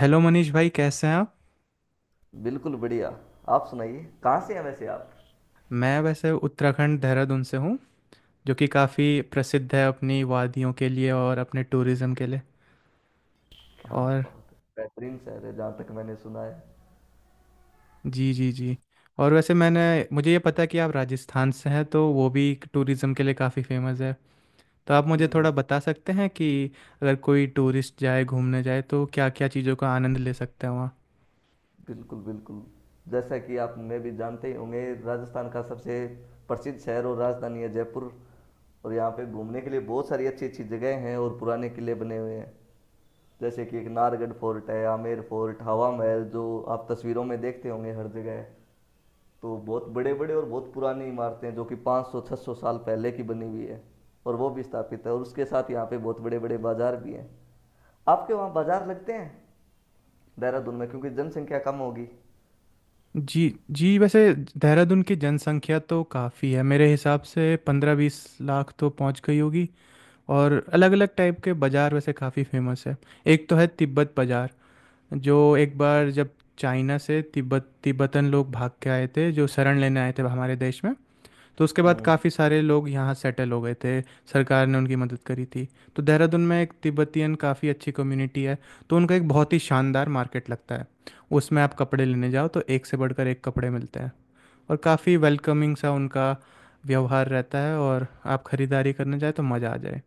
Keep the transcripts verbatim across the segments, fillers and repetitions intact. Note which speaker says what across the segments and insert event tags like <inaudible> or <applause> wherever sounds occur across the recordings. Speaker 1: Hello Manish भाई, कैसे हैं आप।
Speaker 2: बिल्कुल बढ़िया। आप सुनाइए, कहाँ से हैं वैसे आप?
Speaker 1: मैं वैसे उत्तराखंड देहरादून से हूँ, जो कि काफ़ी प्रसिद्ध है अपनी वादियों के लिए और अपने टूरिज़्म के लिए।
Speaker 2: क्या
Speaker 1: और
Speaker 2: बात है, बेहतरीन शहर है जहाँ तक मैंने सुना है।
Speaker 1: जी जी जी। और वैसे मैंने मुझे ये पता है कि आप राजस्थान से हैं, तो वो भी टूरिज़्म के लिए काफ़ी फेमस है। तो आप मुझे थोड़ा
Speaker 2: हम्म।
Speaker 1: बता सकते हैं कि अगर कोई टूरिस्ट जाए, घूमने जाए, तो क्या क्या चीज़ों का आनंद ले सकते हैं वहाँ।
Speaker 2: बिल्कुल बिल्कुल। जैसा कि आप मैं भी जानते ही होंगे, राजस्थान का सबसे प्रसिद्ध शहर और राजधानी है जयपुर। और यहाँ पे घूमने के लिए बहुत सारी अच्छी अच्छी जगह हैं और पुराने किले बने हुए हैं। जैसे कि एक नारगढ़ फोर्ट है, आमेर फोर्ट, हवा महल, जो आप तस्वीरों में देखते होंगे हर जगह। तो बहुत बड़े बड़े और बहुत पुरानी इमारतें जो कि पाँच सौ छः सौ साल पहले की बनी हुई है, और वो भी स्थापित है। और उसके साथ यहाँ पे बहुत बड़े बड़े बाजार भी हैं। आपके वहाँ बाजार लगते हैं देहरादून में? क्योंकि जनसंख्या कम होगी।
Speaker 1: जी जी, वैसे देहरादून की जनसंख्या तो काफ़ी है, मेरे हिसाब से पंद्रह बीस लाख तो पहुँच गई होगी। और अलग अलग टाइप के बाज़ार वैसे काफ़ी फेमस है एक तो है तिब्बत बाज़ार, जो एक बार जब चाइना से तिब्बत तिब्बतन लोग भाग के आए थे, जो शरण लेने आए थे हमारे देश में, तो उसके बाद
Speaker 2: हम्म।
Speaker 1: काफ़ी सारे लोग यहाँ सेटल हो गए थे। सरकार ने उनकी मदद करी थी। तो देहरादून में एक तिब्बतियन काफ़ी अच्छी कम्युनिटी है। तो उनका एक बहुत ही शानदार मार्केट लगता है। उसमें आप कपड़े लेने जाओ तो एक से बढ़कर एक कपड़े मिलते हैं, और काफ़ी वेलकमिंग सा उनका व्यवहार रहता है, और आप खरीदारी करने जाए तो मज़ा आ जाए।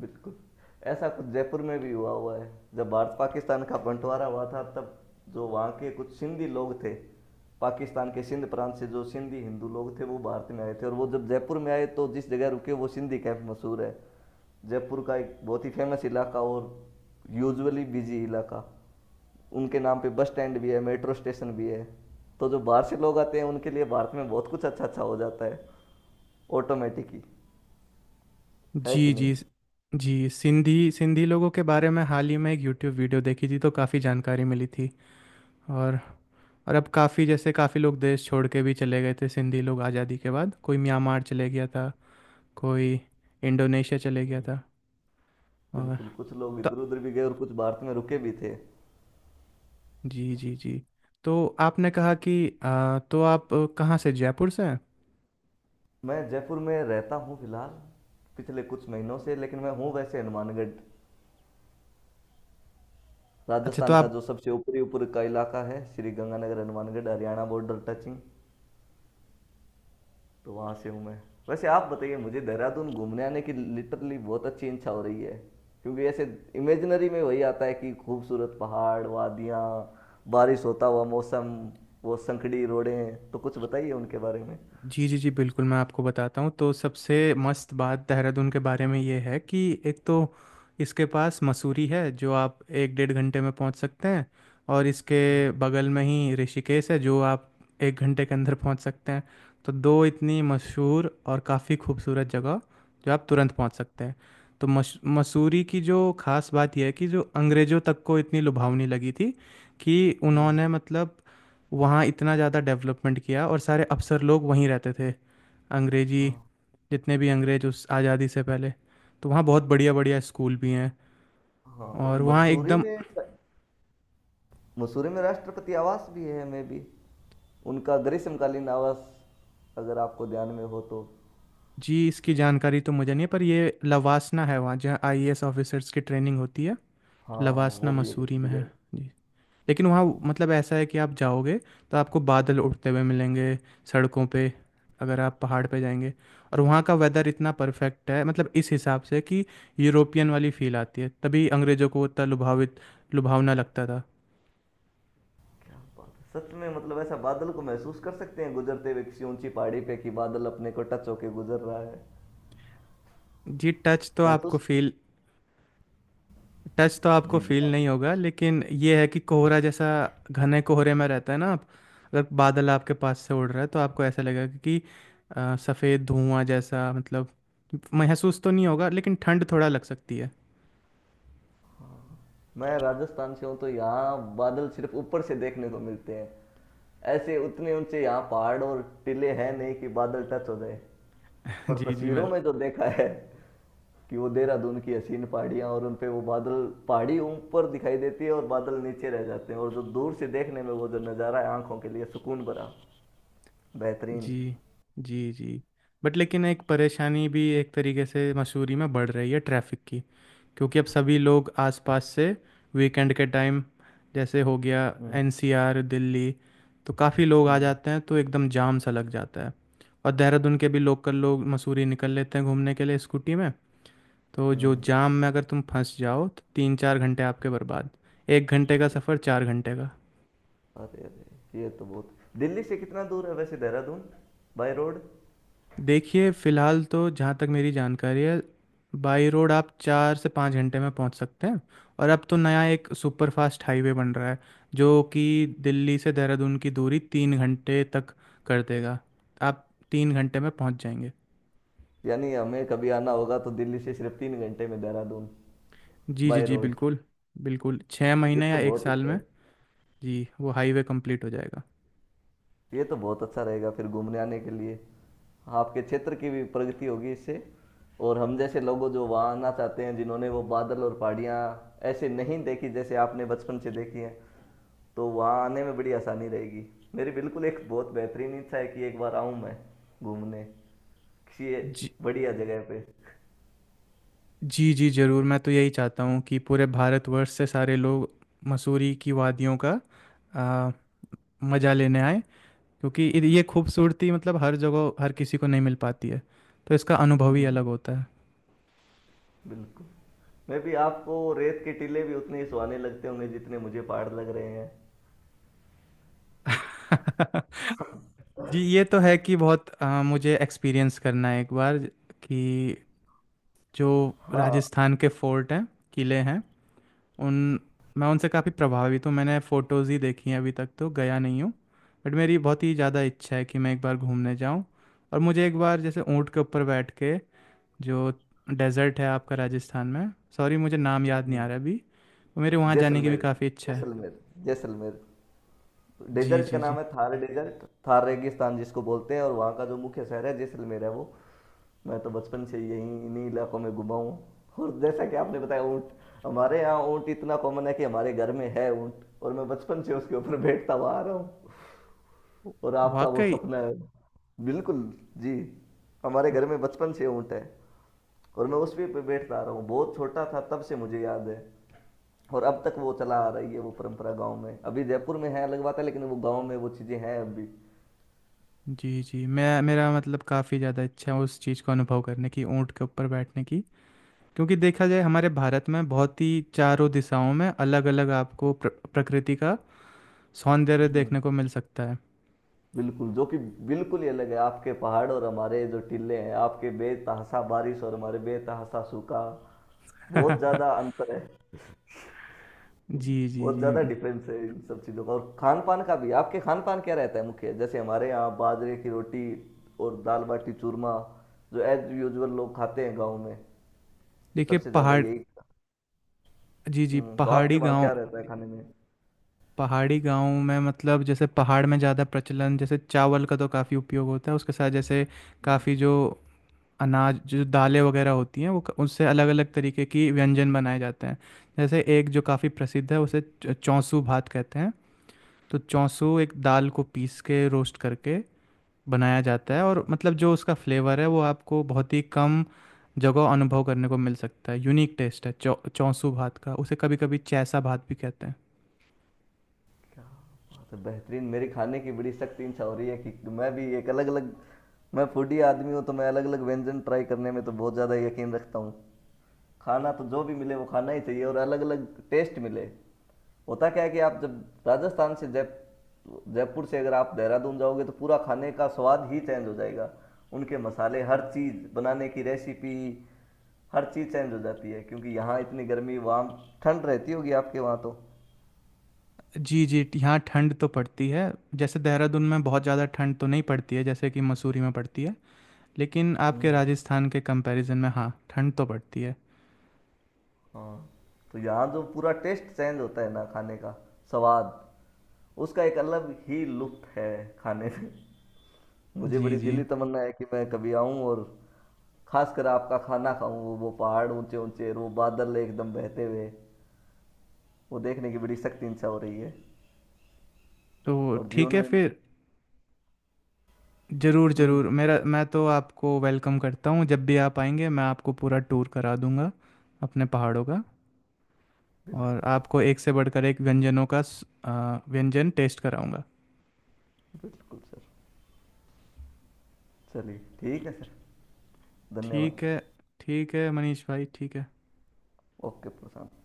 Speaker 2: बिल्कुल, ऐसा कुछ जयपुर में भी हुआ हुआ है। जब भारत पाकिस्तान का बंटवारा हुआ था, तब जो वहाँ के कुछ सिंधी लोग थे, पाकिस्तान के सिंध प्रांत से, जो सिंधी हिंदू लोग थे वो भारत में आए थे। और वो जब जयपुर में आए तो जिस जगह रुके वो सिंधी कैंप मशहूर है, जयपुर का एक बहुत ही फेमस इलाका और यूजुअली बिजी इलाका। उनके नाम पे बस स्टैंड भी है, मेट्रो स्टेशन भी है। तो जो बाहर से लोग आते हैं उनके लिए भारत में बहुत कुछ अच्छा अच्छा हो जाता है, ऑटोमेटिक ही। है कि
Speaker 1: जी
Speaker 2: नहीं?
Speaker 1: जी जी। सिंधी सिंधी लोगों के बारे में हाल ही में एक यूट्यूब वीडियो देखी थी, तो काफ़ी जानकारी मिली थी। और और अब काफ़ी, जैसे काफ़ी लोग देश छोड़ के भी चले गए थे सिंधी लोग आज़ादी के बाद। कोई म्यांमार चले गया था, कोई इंडोनेशिया चले गया था। और
Speaker 2: बिल्कुल, कुछ लोग
Speaker 1: तो
Speaker 2: इधर उधर भी गए और कुछ भारत में रुके भी थे।
Speaker 1: जी जी जी। तो आपने कहा कि आ, तो आप, अ, कहाँ से, जयपुर से हैं।
Speaker 2: मैं जयपुर में रहता हूँ फिलहाल, पिछले कुछ महीनों से। लेकिन मैं हूँ वैसे हनुमानगढ़,
Speaker 1: अच्छा तो
Speaker 2: राजस्थान का
Speaker 1: आप।
Speaker 2: जो सबसे ऊपरी ऊपर का इलाका है, श्री गंगानगर, हनुमानगढ़, हरियाणा बॉर्डर टचिंग। तो वहाँ से हूँ मैं। वैसे आप बताइए, मुझे देहरादून घूमने आने की लिटरली बहुत अच्छी इच्छा हो रही है। क्योंकि ऐसे इमेजिनरी में वही आता है कि खूबसूरत पहाड़ वादियाँ, बारिश होता हुआ मौसम, वो संकड़ी रोडें। तो कुछ बताइए उनके बारे में।
Speaker 1: जी जी जी, बिल्कुल मैं आपको बताता हूँ। तो सबसे मस्त बात देहरादून के बारे में ये है कि एक तो इसके पास मसूरी है, जो आप एक डेढ़ घंटे में पहुँच सकते हैं। और इसके बगल में ही ऋषिकेश है, जो आप एक घंटे के अंदर पहुँच सकते हैं। तो दो इतनी मशहूर और काफ़ी खूबसूरत जगह, जो आप तुरंत पहुँच सकते हैं। तो मश मसूरी की जो खास बात यह है कि जो अंग्रेज़ों तक को इतनी लुभावनी लगी थी कि
Speaker 2: हम्म।
Speaker 1: उन्होंने, मतलब, वहाँ इतना ज़्यादा डेवलपमेंट किया और सारे अफसर लोग वहीं रहते थे। अंग्रेजी,
Speaker 2: हाँ।
Speaker 1: जितने भी अंग्रेज उस आज़ादी से पहले। तो वहाँ बहुत बढ़िया बढ़िया स्कूल भी हैं,
Speaker 2: हाँ, और
Speaker 1: और वहाँ
Speaker 2: मसूरी
Speaker 1: एकदम।
Speaker 2: में मसूरी में राष्ट्रपति आवास भी है मे बी, उनका ग्रीष्मकालीन आवास, अगर आपको ध्यान में हो तो।
Speaker 1: जी, इसकी जानकारी तो मुझे नहीं है, पर ये लवासना है वहाँ, जहाँ आई ए एस ऑफिसर्स की ट्रेनिंग होती है।
Speaker 2: हाँ,
Speaker 1: लवासना
Speaker 2: वो भी एक
Speaker 1: मसूरी
Speaker 2: अच्छी
Speaker 1: में
Speaker 2: जगह
Speaker 1: है।
Speaker 2: है।
Speaker 1: जी, लेकिन वहाँ, मतलब, ऐसा है कि आप जाओगे तो आपको बादल उठते हुए मिलेंगे सड़कों पे, अगर आप पहाड़ पे जाएंगे। और वहाँ का वेदर इतना परफेक्ट है, मतलब इस हिसाब से कि यूरोपियन वाली फील आती है, तभी अंग्रेज़ों को वो इतना लुभावित लुभावना लगता था।
Speaker 2: क्या बात है, सच में! मतलब ऐसा बादल को महसूस कर सकते हैं गुजरते हुए किसी ऊंची पहाड़ी पे कि बादल अपने को टच होके गुजर रहा है।
Speaker 1: जी टच तो आपको
Speaker 2: महसूस।
Speaker 1: फील टच तो आपको
Speaker 2: जी जी,
Speaker 1: फील
Speaker 2: आप
Speaker 1: नहीं होगा, लेकिन ये है कि कोहरा जैसा घने कोहरे में रहता है ना, आप अगर बादल आपके पास से उड़ रहा है तो आपको ऐसा लगेगा कि अ, सफ़ेद धुआं जैसा, मतलब महसूस तो नहीं होगा, लेकिन ठंड थोड़ा लग सकती है।
Speaker 2: मैं राजस्थान से हूँ तो यहाँ बादल सिर्फ ऊपर से देखने को मिलते हैं। ऐसे उतने ऊंचे यहाँ पहाड़ और टीले हैं नहीं कि बादल टच हो जाए।
Speaker 1: <laughs>
Speaker 2: पर
Speaker 1: जी जी मैं।
Speaker 2: तस्वीरों में जो देखा है कि वो देहरादून की हसीन पहाड़ियाँ और उन पे वो बादल, पहाड़ी ऊपर दिखाई देती है और बादल नीचे रह जाते हैं, और जो दूर से देखने में वो जो नज़ारा है आंखों के लिए सुकून भरा, बेहतरीन।
Speaker 1: जी जी जी। बट लेकिन एक परेशानी भी एक तरीके से मसूरी में बढ़ रही है, ट्रैफिक की, क्योंकि अब सभी लोग आसपास से वीकेंड के टाइम, जैसे हो गया
Speaker 2: हम्म।
Speaker 1: एन सी आर दिल्ली, तो काफ़ी लोग आ
Speaker 2: हम्म।
Speaker 1: जाते हैं, तो एकदम जाम सा लग जाता है। और देहरादून के भी लोकल लोग मसूरी निकल लेते हैं घूमने के लिए स्कूटी में। तो जो
Speaker 2: हम्म।
Speaker 1: जाम में अगर तुम फंस जाओ तो तीन चार घंटे आपके बर्बाद। एक घंटे का सफ़र चार घंटे का।
Speaker 2: अरे अरे, ये तो बहुत। दिल्ली से कितना दूर है वैसे देहरादून, बाय रोड?
Speaker 1: देखिए, फ़िलहाल तो जहाँ तक मेरी जानकारी है, बाई रोड आप चार से पाँच घंटे में पहुँच सकते हैं। और अब तो नया एक सुपर फास्ट हाईवे बन रहा है, जो कि दिल्ली से देहरादून की दूरी तीन घंटे तक कर देगा। आप तीन घंटे में पहुँच जाएंगे।
Speaker 2: यानी हमें कभी आना होगा तो दिल्ली से सिर्फ तीन घंटे में देहरादून,
Speaker 1: जी जी
Speaker 2: बाय
Speaker 1: जी,
Speaker 2: रोड!
Speaker 1: बिल्कुल। बिल्कुल, छः
Speaker 2: ये
Speaker 1: महीने या
Speaker 2: तो
Speaker 1: एक
Speaker 2: बहुत
Speaker 1: साल
Speaker 2: अच्छा है।
Speaker 1: में। जी, वो हाईवे कंप्लीट हो जाएगा।
Speaker 2: ये तो बहुत अच्छा रहेगा फिर घूमने आने के लिए। आपके क्षेत्र की भी प्रगति होगी इससे। और हम जैसे लोगों जो वहाँ आना चाहते हैं, जिन्होंने वो बादल और पहाड़ियाँ ऐसे नहीं देखी जैसे आपने बचपन से देखी हैं, तो वहाँ आने में बड़ी आसानी रहेगी। मेरी बिल्कुल एक बहुत बेहतरीन इच्छा है कि एक बार आऊँ मैं घूमने, किसी
Speaker 1: जी
Speaker 2: बढ़िया जगह पे।
Speaker 1: जी जी, ज़रूर। मैं तो यही चाहता हूँ कि पूरे भारतवर्ष से सारे लोग मसूरी की वादियों का आ, मज़ा लेने आए। क्योंकि इ- ये खूबसूरती, मतलब, हर जगह हर किसी को नहीं मिल पाती है, तो इसका अनुभव ही
Speaker 2: हम्म।
Speaker 1: अलग होता है।
Speaker 2: बिल्कुल। मैं भी आपको रेत के टीले भी उतने ही सुहाने लगते होंगे जितने मुझे पहाड़ लग रहे हैं।
Speaker 1: <laughs> जी, ये तो है कि बहुत, अ, मुझे एक्सपीरियंस करना है एक बार, कि जो
Speaker 2: हाँ।
Speaker 1: राजस्थान के फोर्ट हैं, किले हैं, उन, मैं उनसे काफ़ी प्रभावित हूँ। मैंने फ़ोटोज़ ही देखी हैं, अभी तक तो गया नहीं हूँ। बट मेरी बहुत ही ज़्यादा इच्छा है कि मैं एक बार घूमने जाऊँ, और मुझे एक बार, जैसे ऊँट के ऊपर बैठ के, जो डेजर्ट है आपका राजस्थान में, सॉरी मुझे नाम याद नहीं आ रहा अभी, तो मेरे वहाँ जाने की भी
Speaker 2: जैसलमेर।
Speaker 1: काफ़ी इच्छा है।
Speaker 2: जैसलमेर। जैसलमेर।
Speaker 1: जी
Speaker 2: डेजर्ट का
Speaker 1: जी
Speaker 2: नाम
Speaker 1: जी।
Speaker 2: है थार डेजर्ट, थार रेगिस्तान जिसको बोलते हैं, और वहाँ का जो मुख्य शहर है जैसलमेर है वो। मैं तो बचपन से यहीं इन्हीं इलाकों में घुमा हूँ। और जैसा कि आपने बताया ऊँट, हमारे यहाँ ऊँट इतना कॉमन है कि हमारे घर में है ऊँट। और मैं बचपन से उसके ऊपर बैठता हुआ आ रहा हूँ। और आपका वो
Speaker 1: वाकई।
Speaker 2: सपना है। बिल्कुल। जी। हमारे घर में बचपन से ऊँट है। और मैं उस पे बैठता आ रहा हूँ, बहुत छोटा था तब से मुझे याद है। और अब तक वो चला आ रही है वो परंपरा गांव में। अभी जयपुर में है अलग बात है, लेकिन वो गांव में वो चीज़ें हैं अभी।
Speaker 1: जी जी मैं, मेरा मतलब, काफ़ी ज़्यादा इच्छा है उस चीज़ को अनुभव करने की, ऊँट के ऊपर बैठने की। क्योंकि देखा जाए हमारे भारत में बहुत ही चारों दिशाओं में अलग अलग आपको प्र, प्रकृति का सौंदर्य देखने को मिल सकता है।
Speaker 2: बिल्कुल, जो कि बिल्कुल ही अलग है। आपके पहाड़ और हमारे जो टिले हैं, आपके बेतहासा बारिश और हमारे बेतहासा सूखा, बहुत ज़्यादा
Speaker 1: <laughs>
Speaker 2: अंतर है।
Speaker 1: जी जी
Speaker 2: बहुत
Speaker 1: जी।
Speaker 2: ज़्यादा डिफरेंस है इन सब चीज़ों का, और खान पान का भी। आपके खान पान क्या रहता है मुख्य? जैसे हमारे यहाँ बाजरे की रोटी और दाल बाटी चूरमा, जो एज यूजुअल लोग खाते हैं गाँव में,
Speaker 1: देखिए,
Speaker 2: सबसे ज़्यादा
Speaker 1: पहाड़।
Speaker 2: यही।
Speaker 1: जी जी,
Speaker 2: हम्म, तो आपके
Speaker 1: पहाड़ी
Speaker 2: वहाँ
Speaker 1: गांव।
Speaker 2: क्या रहता है खाने में?
Speaker 1: पहाड़ी गांव में, मतलब, जैसे पहाड़ में ज़्यादा प्रचलन जैसे चावल का, तो काफ़ी उपयोग होता है। उसके साथ जैसे
Speaker 2: हम्म,
Speaker 1: काफ़ी जो अनाज, जो दालें वगैरह होती हैं, वो, क- उससे अलग अलग तरीके की व्यंजन बनाए जाते हैं। जैसे एक जो काफ़ी प्रसिद्ध है, उसे च- चौंसू भात कहते हैं। तो चौंसू एक दाल को पीस के रोस्ट करके बनाया जाता है,
Speaker 2: अच्छा।
Speaker 1: और मतलब जो उसका फ्लेवर है वो आपको बहुत ही कम जगह अनुभव करने को मिल सकता है। यूनिक टेस्ट है चौ चौंसू भात का, उसे कभी कभी चैसा भात भी कहते हैं।
Speaker 2: तो बेहतरीन, मेरी खाने की बड़ी सख्त इच्छा हो रही है कि मैं भी एक अलग अलग। मैं फूडी आदमी हूँ, तो मैं अलग अलग व्यंजन ट्राई करने में तो बहुत ज़्यादा यकीन रखता हूँ। खाना तो जो भी मिले वो खाना ही चाहिए, और अलग अलग टेस्ट मिले। होता क्या है कि आप जब राजस्थान से जय जयपुर से अगर आप देहरादून जाओगे तो पूरा खाने का स्वाद ही चेंज हो जाएगा। उनके मसाले, हर चीज़ बनाने की रेसिपी, हर चीज़ चेंज हो जाती है। क्योंकि यहाँ इतनी गर्मी, वहाँ ठंड रहती होगी आपके वहाँ तो।
Speaker 1: जी जी, यहाँ ठंड तो पड़ती है। जैसे देहरादून में बहुत ज़्यादा ठंड तो नहीं पड़ती है, जैसे कि मसूरी में पड़ती है, लेकिन आपके
Speaker 2: हम्म।
Speaker 1: राजस्थान के कंपैरिजन में, हाँ, ठंड तो पड़ती है।
Speaker 2: हाँ। तो यहाँ जो पूरा टेस्ट चेंज होता है ना खाने का स्वाद, उसका एक अलग ही लुत्फ है खाने में। <laughs> मुझे
Speaker 1: जी
Speaker 2: बड़ी
Speaker 1: जी।
Speaker 2: दिली तमन्ना है कि मैं कभी आऊं और खासकर आपका खाना खाऊं, वो वो पहाड़ ऊंचे ऊंचे, वो बादल एकदम बहते हुए, वो देखने की बड़ी सख्त इच्छा हो रही है।
Speaker 1: तो
Speaker 2: और
Speaker 1: ठीक
Speaker 2: जीवन
Speaker 1: है
Speaker 2: में।
Speaker 1: फिर। ज़रूर
Speaker 2: हम्म।
Speaker 1: ज़रूर, मेरा, मैं तो आपको वेलकम करता हूँ। जब भी आप आएंगे मैं आपको पूरा टूर करा दूंगा अपने पहाड़ों का। और
Speaker 2: बिल्कुल।
Speaker 1: आपको एक से बढ़कर एक व्यंजनों का स- आ, व्यंजन टेस्ट कराऊंगा।
Speaker 2: बिल्कुल सर। चलिए, ठीक है सर। धन्यवाद।
Speaker 1: ठीक है। ठीक है मनीष भाई, ठीक है।
Speaker 2: ओके प्रशांत।